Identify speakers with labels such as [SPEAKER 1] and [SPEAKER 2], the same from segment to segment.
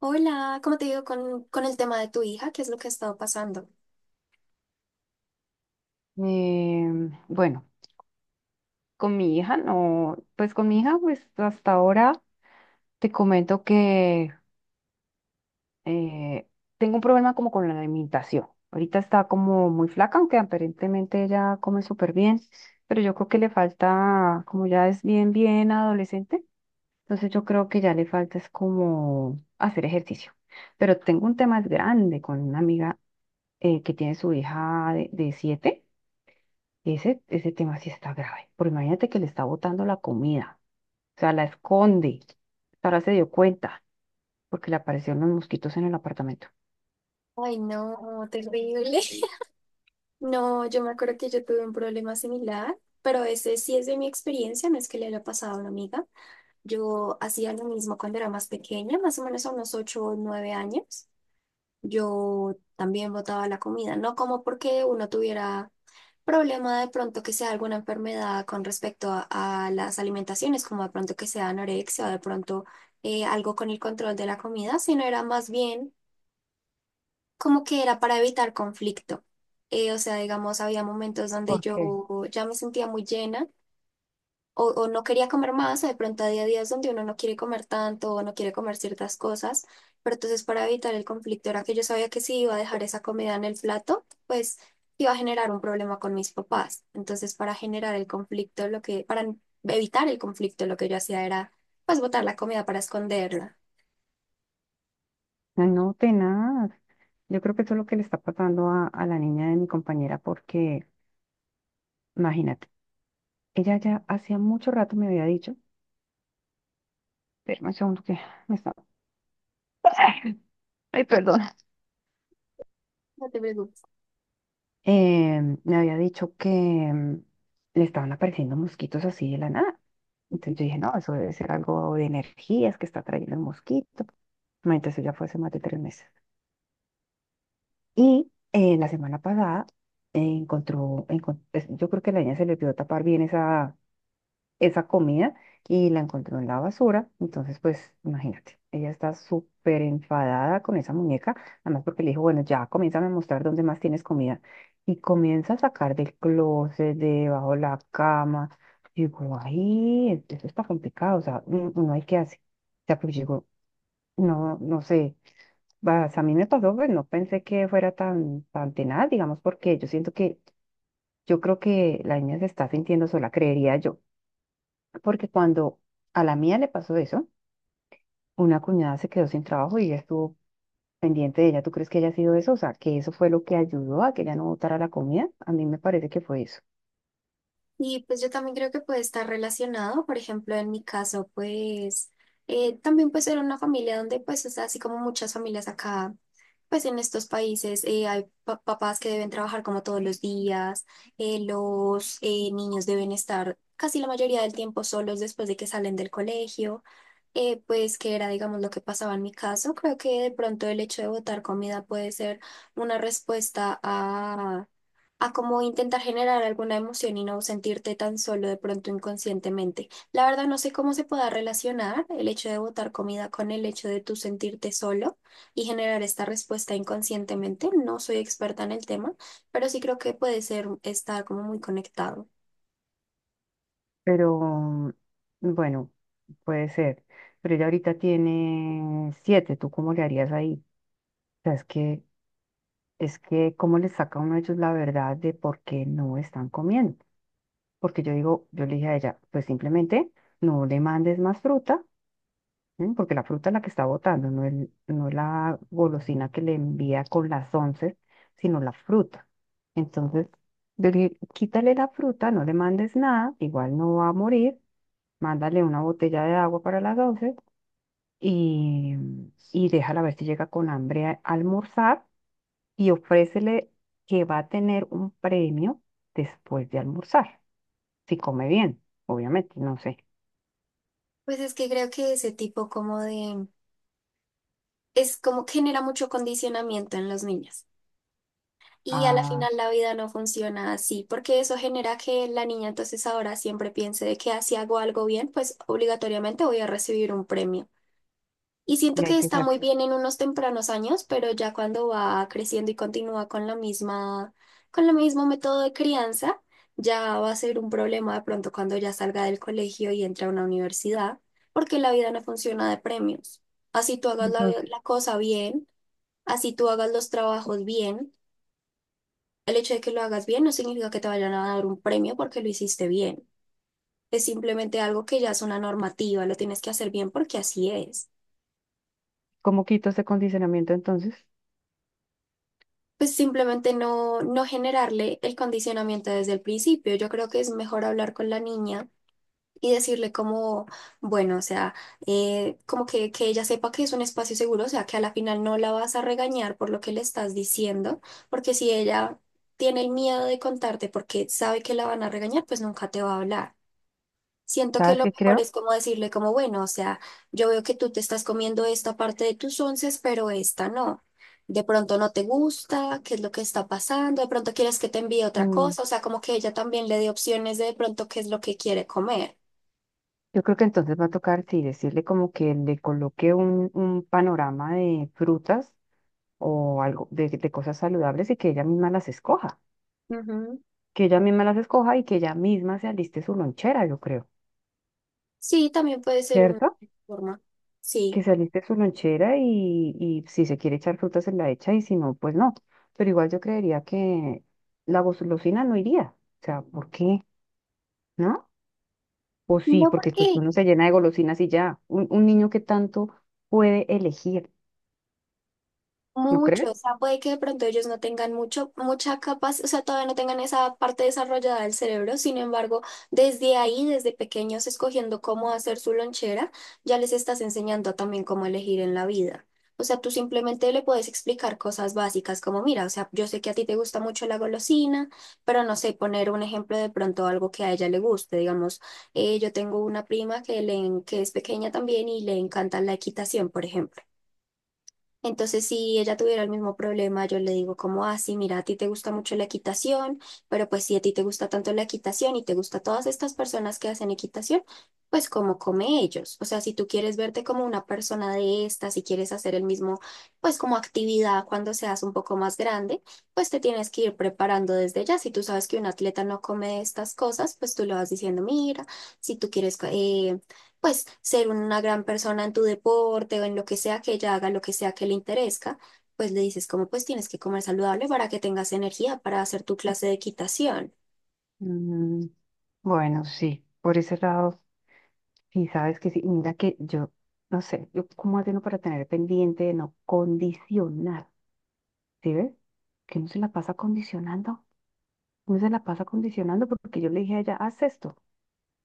[SPEAKER 1] Hola, ¿cómo te digo con el tema de tu hija? ¿Qué es lo que ha estado pasando?
[SPEAKER 2] Bueno, con mi hija no, pues con mi hija, pues hasta ahora te comento que eh, tengo un problema como con la alimentación. Ahorita está como muy flaca, aunque aparentemente ella come súper bien, pero yo creo que le falta, como ya es bien, bien adolescente, entonces yo creo que ya le falta es como hacer ejercicio. Pero tengo un tema grande con una amiga que tiene su hija de 7. Ese tema sí está grave, porque imagínate que le está botando la comida, o sea, la esconde. Ahora se dio cuenta, porque le aparecieron los mosquitos en el apartamento.
[SPEAKER 1] Ay, no, terrible. No, yo me acuerdo que yo tuve un problema similar, pero ese sí es de mi experiencia, no es que le haya pasado a una amiga. Yo hacía lo mismo cuando era más pequeña, más o menos a unos 8, o 9 años. Yo también botaba la comida, no como porque uno tuviera problema de pronto que sea alguna enfermedad con respecto a las alimentaciones, como de pronto que sea anorexia o de pronto algo con el control de la comida, sino era más bien como que era para evitar conflicto. Digamos, había momentos donde
[SPEAKER 2] ¿Por qué?
[SPEAKER 1] yo ya me sentía muy llena o no quería comer más, o de pronto a día hay días donde uno no quiere comer tanto o no quiere comer ciertas cosas, pero entonces para evitar el conflicto era que yo sabía que si iba a dejar esa comida en el plato, pues iba a generar un problema con mis papás. Entonces para generar el conflicto, lo que, para evitar el conflicto, lo que yo hacía era pues botar la comida para esconderla.
[SPEAKER 2] Ay, no, tenaz. Yo creo que eso es lo que le está pasando a la niña de mi compañera, porque imagínate, ella ya hacía mucho rato me había dicho, espérame un segundo que me está, ay, perdón,
[SPEAKER 1] No te preocupes.
[SPEAKER 2] me había dicho que le estaban apareciendo mosquitos así de la nada. Entonces yo dije, no, eso debe ser algo de energías que está trayendo el mosquito. No, entonces eso ya fue hace más de 3 meses. Y la semana pasada yo creo que la niña se le olvidó tapar bien esa comida y la encontró en la basura. Entonces, pues imagínate, ella está súper enfadada con esa muñeca, además porque le dijo, bueno, ya comienza a mostrar dónde más tienes comida. Y comienza a sacar del closet, de debajo de la cama. Digo, ay, eso está complicado, o sea, uno hay que hacer. O sea, pues digo, no, no sé, vas, a mí me pasó, pues no pensé que fuera tan, tan tenaz, digamos, porque yo siento que, yo creo que la niña se está sintiendo sola, creería yo porque cuando a la mía le pasó eso, una cuñada se quedó sin trabajo y ella estuvo pendiente de ella. ¿Tú crees que haya sido eso? O sea, que eso fue lo que ayudó a que ella no botara la comida. A mí me parece que fue eso.
[SPEAKER 1] Y pues yo también creo que puede estar relacionado, por ejemplo, en mi caso, pues también pues era una familia donde pues, o sea, así como muchas familias acá, pues en estos países hay papás que deben trabajar como todos los días, los niños deben estar casi la mayoría del tiempo solos después de que salen del colegio pues que era, digamos, lo que pasaba en mi caso. Creo que de pronto el hecho de botar comida puede ser una respuesta a cómo intentar generar alguna emoción y no sentirte tan solo de pronto inconscientemente. La verdad no sé cómo se pueda relacionar el hecho de botar comida con el hecho de tú sentirte solo y generar esta respuesta inconscientemente. No soy experta en el tema, pero sí creo que puede ser, estar como muy conectado.
[SPEAKER 2] Pero bueno, puede ser. Pero ella ahorita tiene 7. ¿Tú cómo le harías ahí? O sea, es que, ¿cómo le saca uno de ellos la verdad de por qué no están comiendo? Porque yo digo, yo le dije a ella, pues simplemente no le mandes más fruta. Porque la fruta es la que está botando, no, el, no la golosina que le envía con las once, sino la fruta. Entonces, quítale la fruta, no le mandes nada, igual no va a morir, mándale una botella de agua para las once y, y déjala ver si llega con hambre a almorzar y ofrécele que va a tener un premio después de almorzar, si come bien, obviamente, no sé.
[SPEAKER 1] Pues es que creo que ese tipo como de es como que genera mucho condicionamiento en los niños. Y a la
[SPEAKER 2] Ah,
[SPEAKER 1] final la vida no funciona así, porque eso genera que la niña entonces ahora siempre piense de que ah, si hago algo bien, pues obligatoriamente voy a recibir un premio. Y siento
[SPEAKER 2] y hay
[SPEAKER 1] que
[SPEAKER 2] que
[SPEAKER 1] está muy bien en unos tempranos años, pero ya cuando va creciendo y continúa con la misma, con el mismo método de crianza, ya va a ser un problema de pronto cuando ya salga del colegio y entre a una universidad, porque la vida no funciona de premios. Así tú hagas la
[SPEAKER 2] hacer.
[SPEAKER 1] la cosa bien. Así tú hagas los trabajos bien, el hecho de que lo hagas bien no significa que te vayan a dar un premio porque lo hiciste bien. Es simplemente algo que ya es una normativa, lo tienes que hacer bien porque así es.
[SPEAKER 2] ¿Cómo quito ese condicionamiento entonces?
[SPEAKER 1] Pues simplemente no generarle el condicionamiento desde el principio. Yo creo que es mejor hablar con la niña y decirle como, bueno, o sea, que ella sepa que es un espacio seguro, o sea, que a la final no la vas a regañar por lo que le estás diciendo, porque si ella tiene el miedo de contarte porque sabe que la van a regañar, pues nunca te va a hablar. Siento que
[SPEAKER 2] ¿Sabes
[SPEAKER 1] lo
[SPEAKER 2] qué
[SPEAKER 1] mejor
[SPEAKER 2] creo?
[SPEAKER 1] es como decirle como, bueno, o sea, yo veo que tú te estás comiendo esta parte de tus onces, pero esta no. De pronto no te gusta, qué es lo que está pasando, de pronto quieres que te envíe otra
[SPEAKER 2] Mm,
[SPEAKER 1] cosa, o sea, como que ella también le dé opciones de pronto qué es lo que quiere comer.
[SPEAKER 2] yo creo que entonces va a tocar, sí, decirle como que le coloque un, panorama de frutas o algo de cosas saludables y que ella misma las escoja.
[SPEAKER 1] Ujú.
[SPEAKER 2] Que ella misma las escoja y que ella misma se aliste su lonchera, yo creo.
[SPEAKER 1] Sí, también puede ser una
[SPEAKER 2] ¿Cierto?
[SPEAKER 1] forma.
[SPEAKER 2] Que
[SPEAKER 1] Sí.
[SPEAKER 2] se aliste su lonchera y si se quiere echar frutas se la echa y si no, pues no. Pero igual yo creería que la golosina no iría. O sea, ¿por qué? ¿No? O sí,
[SPEAKER 1] No
[SPEAKER 2] porque pues
[SPEAKER 1] porque
[SPEAKER 2] uno se llena de golosinas y ya. Un niño que tanto puede elegir, ¿no
[SPEAKER 1] mucho,
[SPEAKER 2] crees?
[SPEAKER 1] o sea, puede que de pronto ellos no tengan mucha capacidad, o sea, todavía no tengan esa parte desarrollada del cerebro, sin embargo, desde ahí, desde pequeños, escogiendo cómo hacer su lonchera, ya les estás enseñando también cómo elegir en la vida. O sea, tú simplemente le puedes explicar cosas básicas como, mira, o sea, yo sé que a ti te gusta mucho la golosina, pero no sé, poner un ejemplo de pronto algo que a ella le guste, digamos, yo tengo una prima que es pequeña también y le encanta la equitación, por ejemplo. Entonces, si ella tuviera el mismo problema, yo le digo como, ah, sí, mira, a ti te gusta mucho la equitación, pero pues si a ti te gusta tanto la equitación y te gusta todas estas personas que hacen equitación, pues como come ellos. O sea, si tú quieres verte como una persona de estas, si quieres hacer el mismo, pues como actividad cuando seas un poco más grande, pues te tienes que ir preparando desde ya. Si tú sabes que un atleta no come estas cosas, pues tú le vas diciendo, mira, si tú quieres... pues ser una gran persona en tu deporte o en lo que sea que ella haga, lo que sea que le interese, pues le dices como pues tienes que comer saludable para que tengas energía para hacer tu clase de equitación.
[SPEAKER 2] Mm, bueno, sí, por ese lado, sí, sabes que sí. Mira que yo, no sé, yo cómo hace uno para tener pendiente de no condicionar, ¿sí ves? Que uno se la pasa condicionando, uno se la pasa condicionando porque yo le dije a ella, haz esto.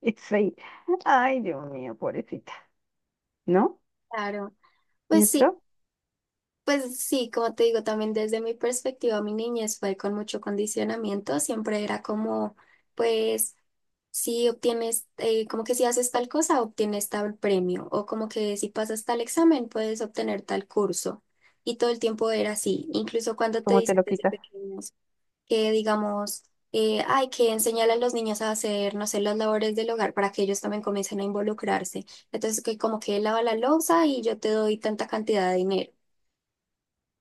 [SPEAKER 2] Y sí, ay, Dios mío, pobrecita, ¿no?
[SPEAKER 1] Claro, pues sí,
[SPEAKER 2] ¿Cierto?
[SPEAKER 1] pues sí, como te digo, también desde mi perspectiva, mi niñez fue con mucho condicionamiento, siempre era como, pues, si obtienes, como que si haces tal cosa, obtienes tal premio, o como que si pasas tal examen, puedes obtener tal curso. Y todo el tiempo era así, incluso cuando te
[SPEAKER 2] ¿Cómo te
[SPEAKER 1] dicen
[SPEAKER 2] lo
[SPEAKER 1] desde
[SPEAKER 2] quitas?
[SPEAKER 1] pequeño. Que digamos, hay que enseñarle a los niños a hacer, no sé, las labores del hogar para que ellos también comiencen a involucrarse. Entonces, que como que lava la loza y yo te doy tanta cantidad de dinero.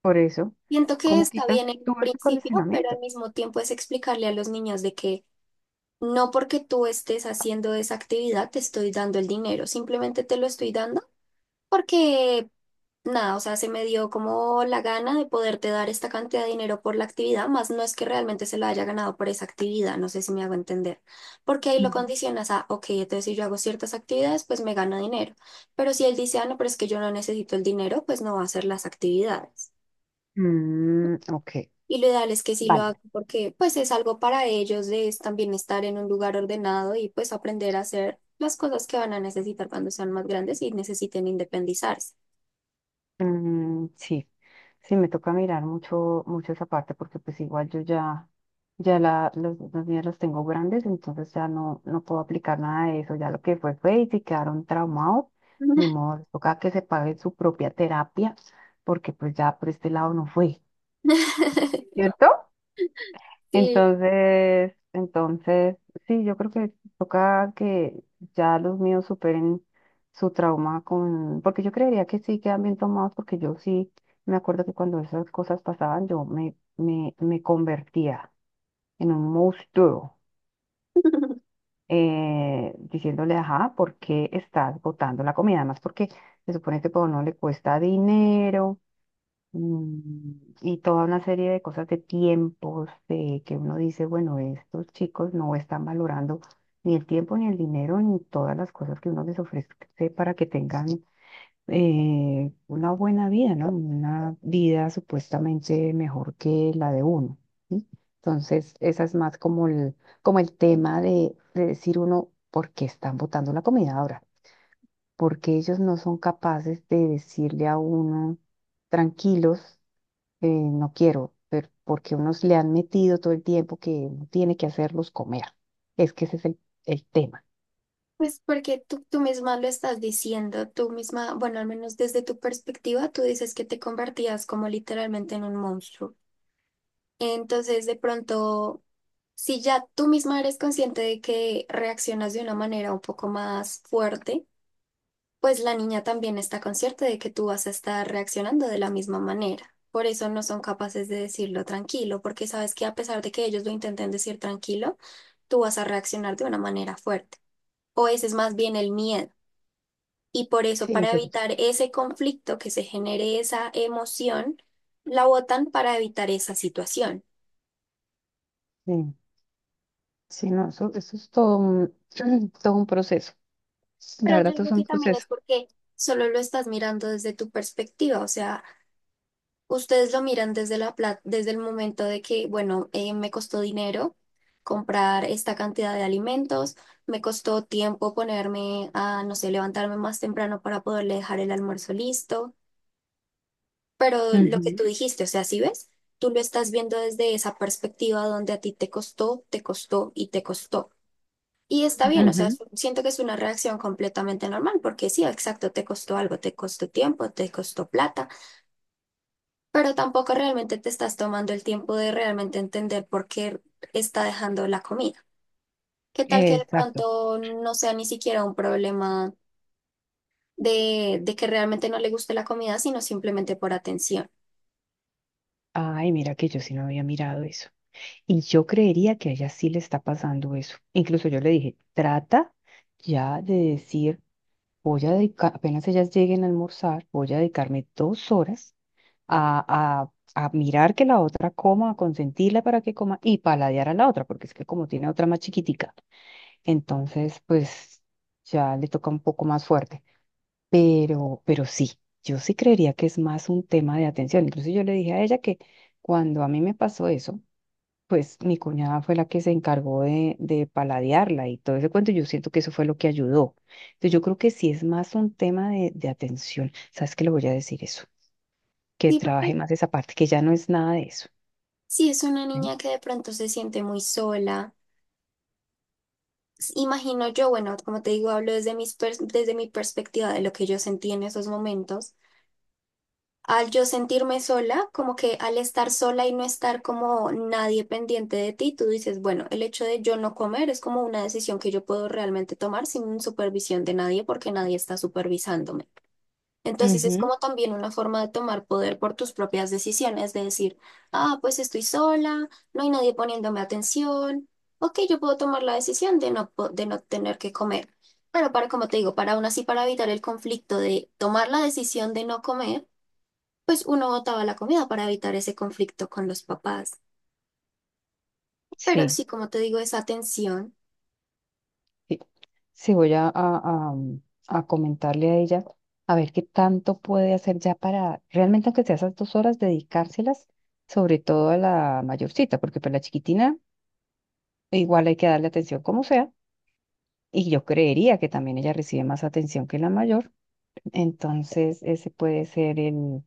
[SPEAKER 2] Por eso,
[SPEAKER 1] Siento que
[SPEAKER 2] ¿cómo
[SPEAKER 1] está
[SPEAKER 2] quitas
[SPEAKER 1] bien en
[SPEAKER 2] tú ese
[SPEAKER 1] principio, pero al
[SPEAKER 2] condicionamiento?
[SPEAKER 1] mismo tiempo es explicarle a los niños de que no porque tú estés haciendo esa actividad te estoy dando el dinero, simplemente te lo estoy dando. Porque nada, o sea, se me dio como la gana de poderte dar esta cantidad de dinero por la actividad, más no es que realmente se lo haya ganado por esa actividad, no sé si me hago entender, porque ahí lo
[SPEAKER 2] Ujú.
[SPEAKER 1] condicionas a, ok, entonces si yo hago ciertas actividades, pues me gano dinero, pero si él dice, ah, no, pero es que yo no necesito el dinero, pues no va a hacer las actividades.
[SPEAKER 2] Mm, ok,
[SPEAKER 1] Y lo ideal es que sí lo haga
[SPEAKER 2] vale.
[SPEAKER 1] porque pues es algo para ellos de es también estar en un lugar ordenado y pues aprender a hacer las cosas que van a necesitar cuando sean más grandes y necesiten independizarse.
[SPEAKER 2] Mm, sí, sí, me toca mirar mucho, mucho esa parte porque pues igual yo ya, ya la, los niños los tengo grandes, entonces ya no, no puedo aplicar nada de eso. Ya lo que fue fue y si quedaron traumados, ni modo, les toca que se pague su propia terapia porque pues ya por este lado no fue, ¿cierto?
[SPEAKER 1] Sí.
[SPEAKER 2] Entonces, entonces, sí, yo creo que toca que ya los míos superen su trauma con, porque yo creería que sí quedan bien tomados, porque yo sí me acuerdo que cuando esas cosas pasaban, yo me convertía en un monstruo, diciéndole, ajá, ¿por qué estás botando la comida? Además, porque se supone que todo no le cuesta dinero. Mm. Y toda una serie de cosas de tiempos, de que uno dice, bueno, estos chicos no están valorando ni el tiempo, ni el dinero, ni todas las cosas que uno les ofrece para que tengan una buena vida, ¿no? Una vida supuestamente mejor que la de uno, ¿sí? Entonces, esa es más como el tema de decir uno, ¿por qué están botando la comida ahora? Porque ellos no son capaces de decirle a uno tranquilos no quiero, pero porque unos le han metido todo el tiempo que uno tiene que hacerlos comer. Es que ese es el tema.
[SPEAKER 1] Pues porque tú misma lo estás diciendo, tú misma, bueno, al menos desde tu perspectiva, tú dices que te convertías como literalmente en un monstruo. Entonces, de pronto, si ya tú misma eres consciente de que reaccionas de una manera un poco más fuerte, pues la niña también está consciente de que tú vas a estar reaccionando de la misma manera. Por eso no son capaces de decirlo tranquilo, porque sabes que a pesar de que ellos lo intenten decir tranquilo, tú vas a reaccionar de una manera fuerte. O ese es más bien el miedo. Y por eso,
[SPEAKER 2] Sí,
[SPEAKER 1] para
[SPEAKER 2] yo.
[SPEAKER 1] evitar ese conflicto que se genere esa emoción, la votan para evitar esa situación.
[SPEAKER 2] Sí, sí, no, eso es todo un, todo un proceso. La
[SPEAKER 1] Pero yo
[SPEAKER 2] verdad, todo es
[SPEAKER 1] digo
[SPEAKER 2] un
[SPEAKER 1] que también es
[SPEAKER 2] proceso.
[SPEAKER 1] porque solo lo estás mirando desde tu perspectiva, o sea, ustedes lo miran desde la desde el momento de que, bueno, me costó dinero comprar esta cantidad de alimentos, me costó tiempo ponerme a, no sé, levantarme más temprano para poderle dejar el almuerzo listo. Pero lo que
[SPEAKER 2] Ujú,
[SPEAKER 1] tú dijiste, o sea, si ves, tú lo estás viendo desde esa perspectiva donde a ti te costó, te costó. Y está bien, o sea,
[SPEAKER 2] ujú,
[SPEAKER 1] siento que es una reacción completamente normal, porque sí, exacto, te costó algo, te costó tiempo, te costó plata, pero tampoco realmente te estás tomando el tiempo de realmente entender por qué está dejando la comida. ¿Qué tal que de
[SPEAKER 2] exacto.
[SPEAKER 1] pronto no sea ni siquiera un problema de que realmente no le guste la comida, sino simplemente por atención?
[SPEAKER 2] Ay, mira que yo sí no había mirado eso. Y yo creería que a ella sí le está pasando eso. Incluso yo le dije, trata ya de decir, voy a dedicar, apenas ellas lleguen a almorzar, voy a dedicarme 2 horas a, a mirar que la otra coma, a consentirla para que coma y paladear a la otra, porque es que como tiene otra más chiquitica, entonces pues ya le toca un poco más fuerte. Pero sí, yo sí creería que es más un tema de atención. Incluso yo le dije a ella que cuando a mí me pasó eso, pues mi cuñada fue la que se encargó de paladearla y todo ese cuento. Yo siento que eso fue lo que ayudó. Entonces yo creo que sí es más un tema de atención. ¿Sabes qué? Le voy a decir eso, que
[SPEAKER 1] Sí,
[SPEAKER 2] trabaje
[SPEAKER 1] porque
[SPEAKER 2] más esa parte, que ya no es nada de eso.
[SPEAKER 1] si es una
[SPEAKER 2] ¿Sí?
[SPEAKER 1] niña que de pronto se siente muy sola, imagino yo, bueno, como te digo, hablo desde desde mi perspectiva de lo que yo sentí en esos momentos. Al yo sentirme sola, como que al estar sola y no estar como nadie pendiente de ti, tú dices, bueno, el hecho de yo no comer es como una decisión que yo puedo realmente tomar sin supervisión de nadie porque nadie está supervisándome. Entonces es
[SPEAKER 2] Ujú.
[SPEAKER 1] como también una forma de tomar poder por tus propias decisiones, de decir, ah, pues estoy sola, no hay nadie poniéndome atención, ok, yo puedo tomar la decisión de de no tener que comer. Pero para, como te digo, para aún así, para evitar el conflicto de tomar la decisión de no comer, pues uno botaba la comida para evitar ese conflicto con los papás. Pero
[SPEAKER 2] Sí,
[SPEAKER 1] sí, como te digo, esa tensión.
[SPEAKER 2] sí. Sí, voy a, a comentarle a ella a ver qué tanto puede hacer ya para realmente, aunque sea esas dos horas, dedicárselas, sobre todo a la mayorcita, porque para la chiquitina igual hay que darle atención como sea, y yo creería que también ella recibe más atención que la mayor, entonces ese puede ser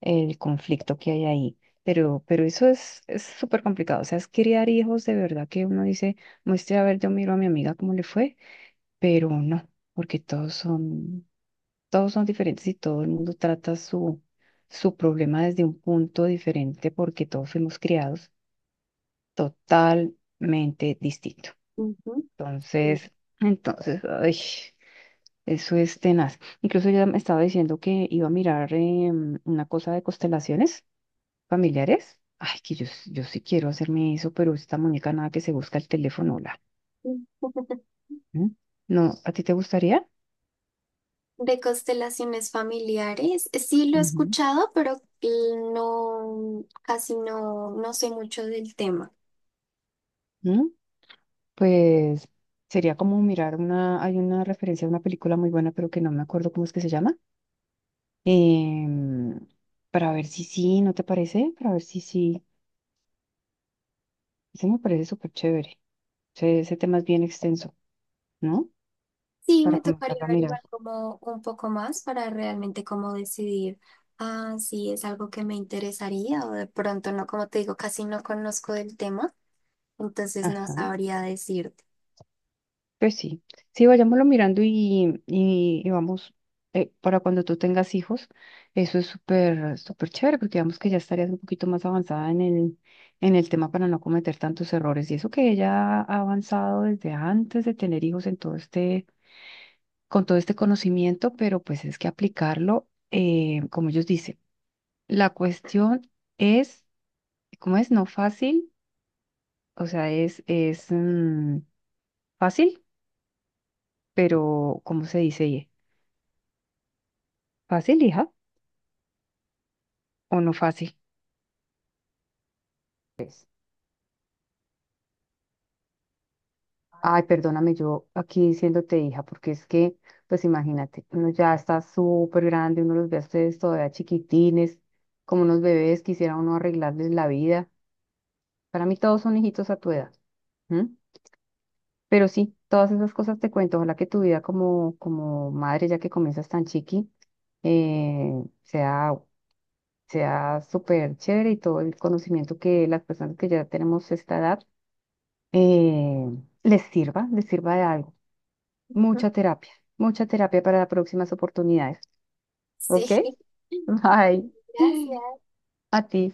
[SPEAKER 2] el conflicto que hay ahí. Pero eso es súper complicado. O sea, es criar hijos de verdad que uno dice, muestre, a ver, yo miro a mi amiga cómo le fue, pero no, porque todos son diferentes y todo el mundo trata su, su problema desde un punto diferente porque todos fuimos criados totalmente distinto.
[SPEAKER 1] Ujú. Sí.
[SPEAKER 2] Entonces, entonces, ay, eso es tenaz. Incluso ella me estaba diciendo que iba a mirar una cosa de constelaciones familiares. Ay, que yo, yo sí quiero hacerme eso, pero esta muñeca nada que se busca el teléfono, la. ¿Mm? No, ¿a ti te gustaría?
[SPEAKER 1] De constelaciones familiares, sí lo he
[SPEAKER 2] Ujú.
[SPEAKER 1] escuchado, pero no, casi no, no sé mucho del tema.
[SPEAKER 2] ¿Mm? Pues sería como mirar una, hay una referencia a una película muy buena, pero que no me acuerdo cómo es que se llama. em, para ver si sí, ¿no te parece? Para ver si sí. Ese me parece súper chévere. Ese tema es bien extenso, ¿no?
[SPEAKER 1] Sí,
[SPEAKER 2] Para
[SPEAKER 1] me
[SPEAKER 2] comenzar
[SPEAKER 1] tocaría
[SPEAKER 2] a mirar.
[SPEAKER 1] averiguar como un poco más para realmente como decidir, ah, si es algo que me interesaría o de pronto no, como te digo, casi no conozco del tema, entonces no
[SPEAKER 2] Ajá.
[SPEAKER 1] sabría decirte.
[SPEAKER 2] Pues sí, sí, vayámoslo mirando y vamos, para cuando tú tengas hijos, eso es súper, súper chévere, porque digamos que ya estarías un poquito más avanzada en el tema para no cometer tantos errores. Y eso que ella ha avanzado desde antes de tener hijos en todo este, con todo este conocimiento, pero pues es que aplicarlo, como ellos dicen, la cuestión es, ¿cómo es? No fácil, o sea, es, es fácil, pero ¿cómo se dice? ¿Fácil, hija? O no fácil. Pues, ay, perdóname yo aquí diciéndote hija, porque es que, pues imagínate, uno ya está súper grande, uno los ve a ustedes todavía chiquitines, como unos bebés, quisiera uno arreglarles la vida. Para mí todos son hijitos a tu edad. ¿Mm? Pero sí, todas esas cosas te cuento. Ojalá que tu vida como, como madre, ya que comienzas tan chiqui, eh, sea, sea súper chévere y todo el conocimiento que las personas que ya tenemos esta edad eh, les sirva de algo. Mucha terapia, mucha terapia para las próximas oportunidades. ¿Ok?
[SPEAKER 1] Sí. Ay,
[SPEAKER 2] Bye.
[SPEAKER 1] gracias.
[SPEAKER 2] A ti.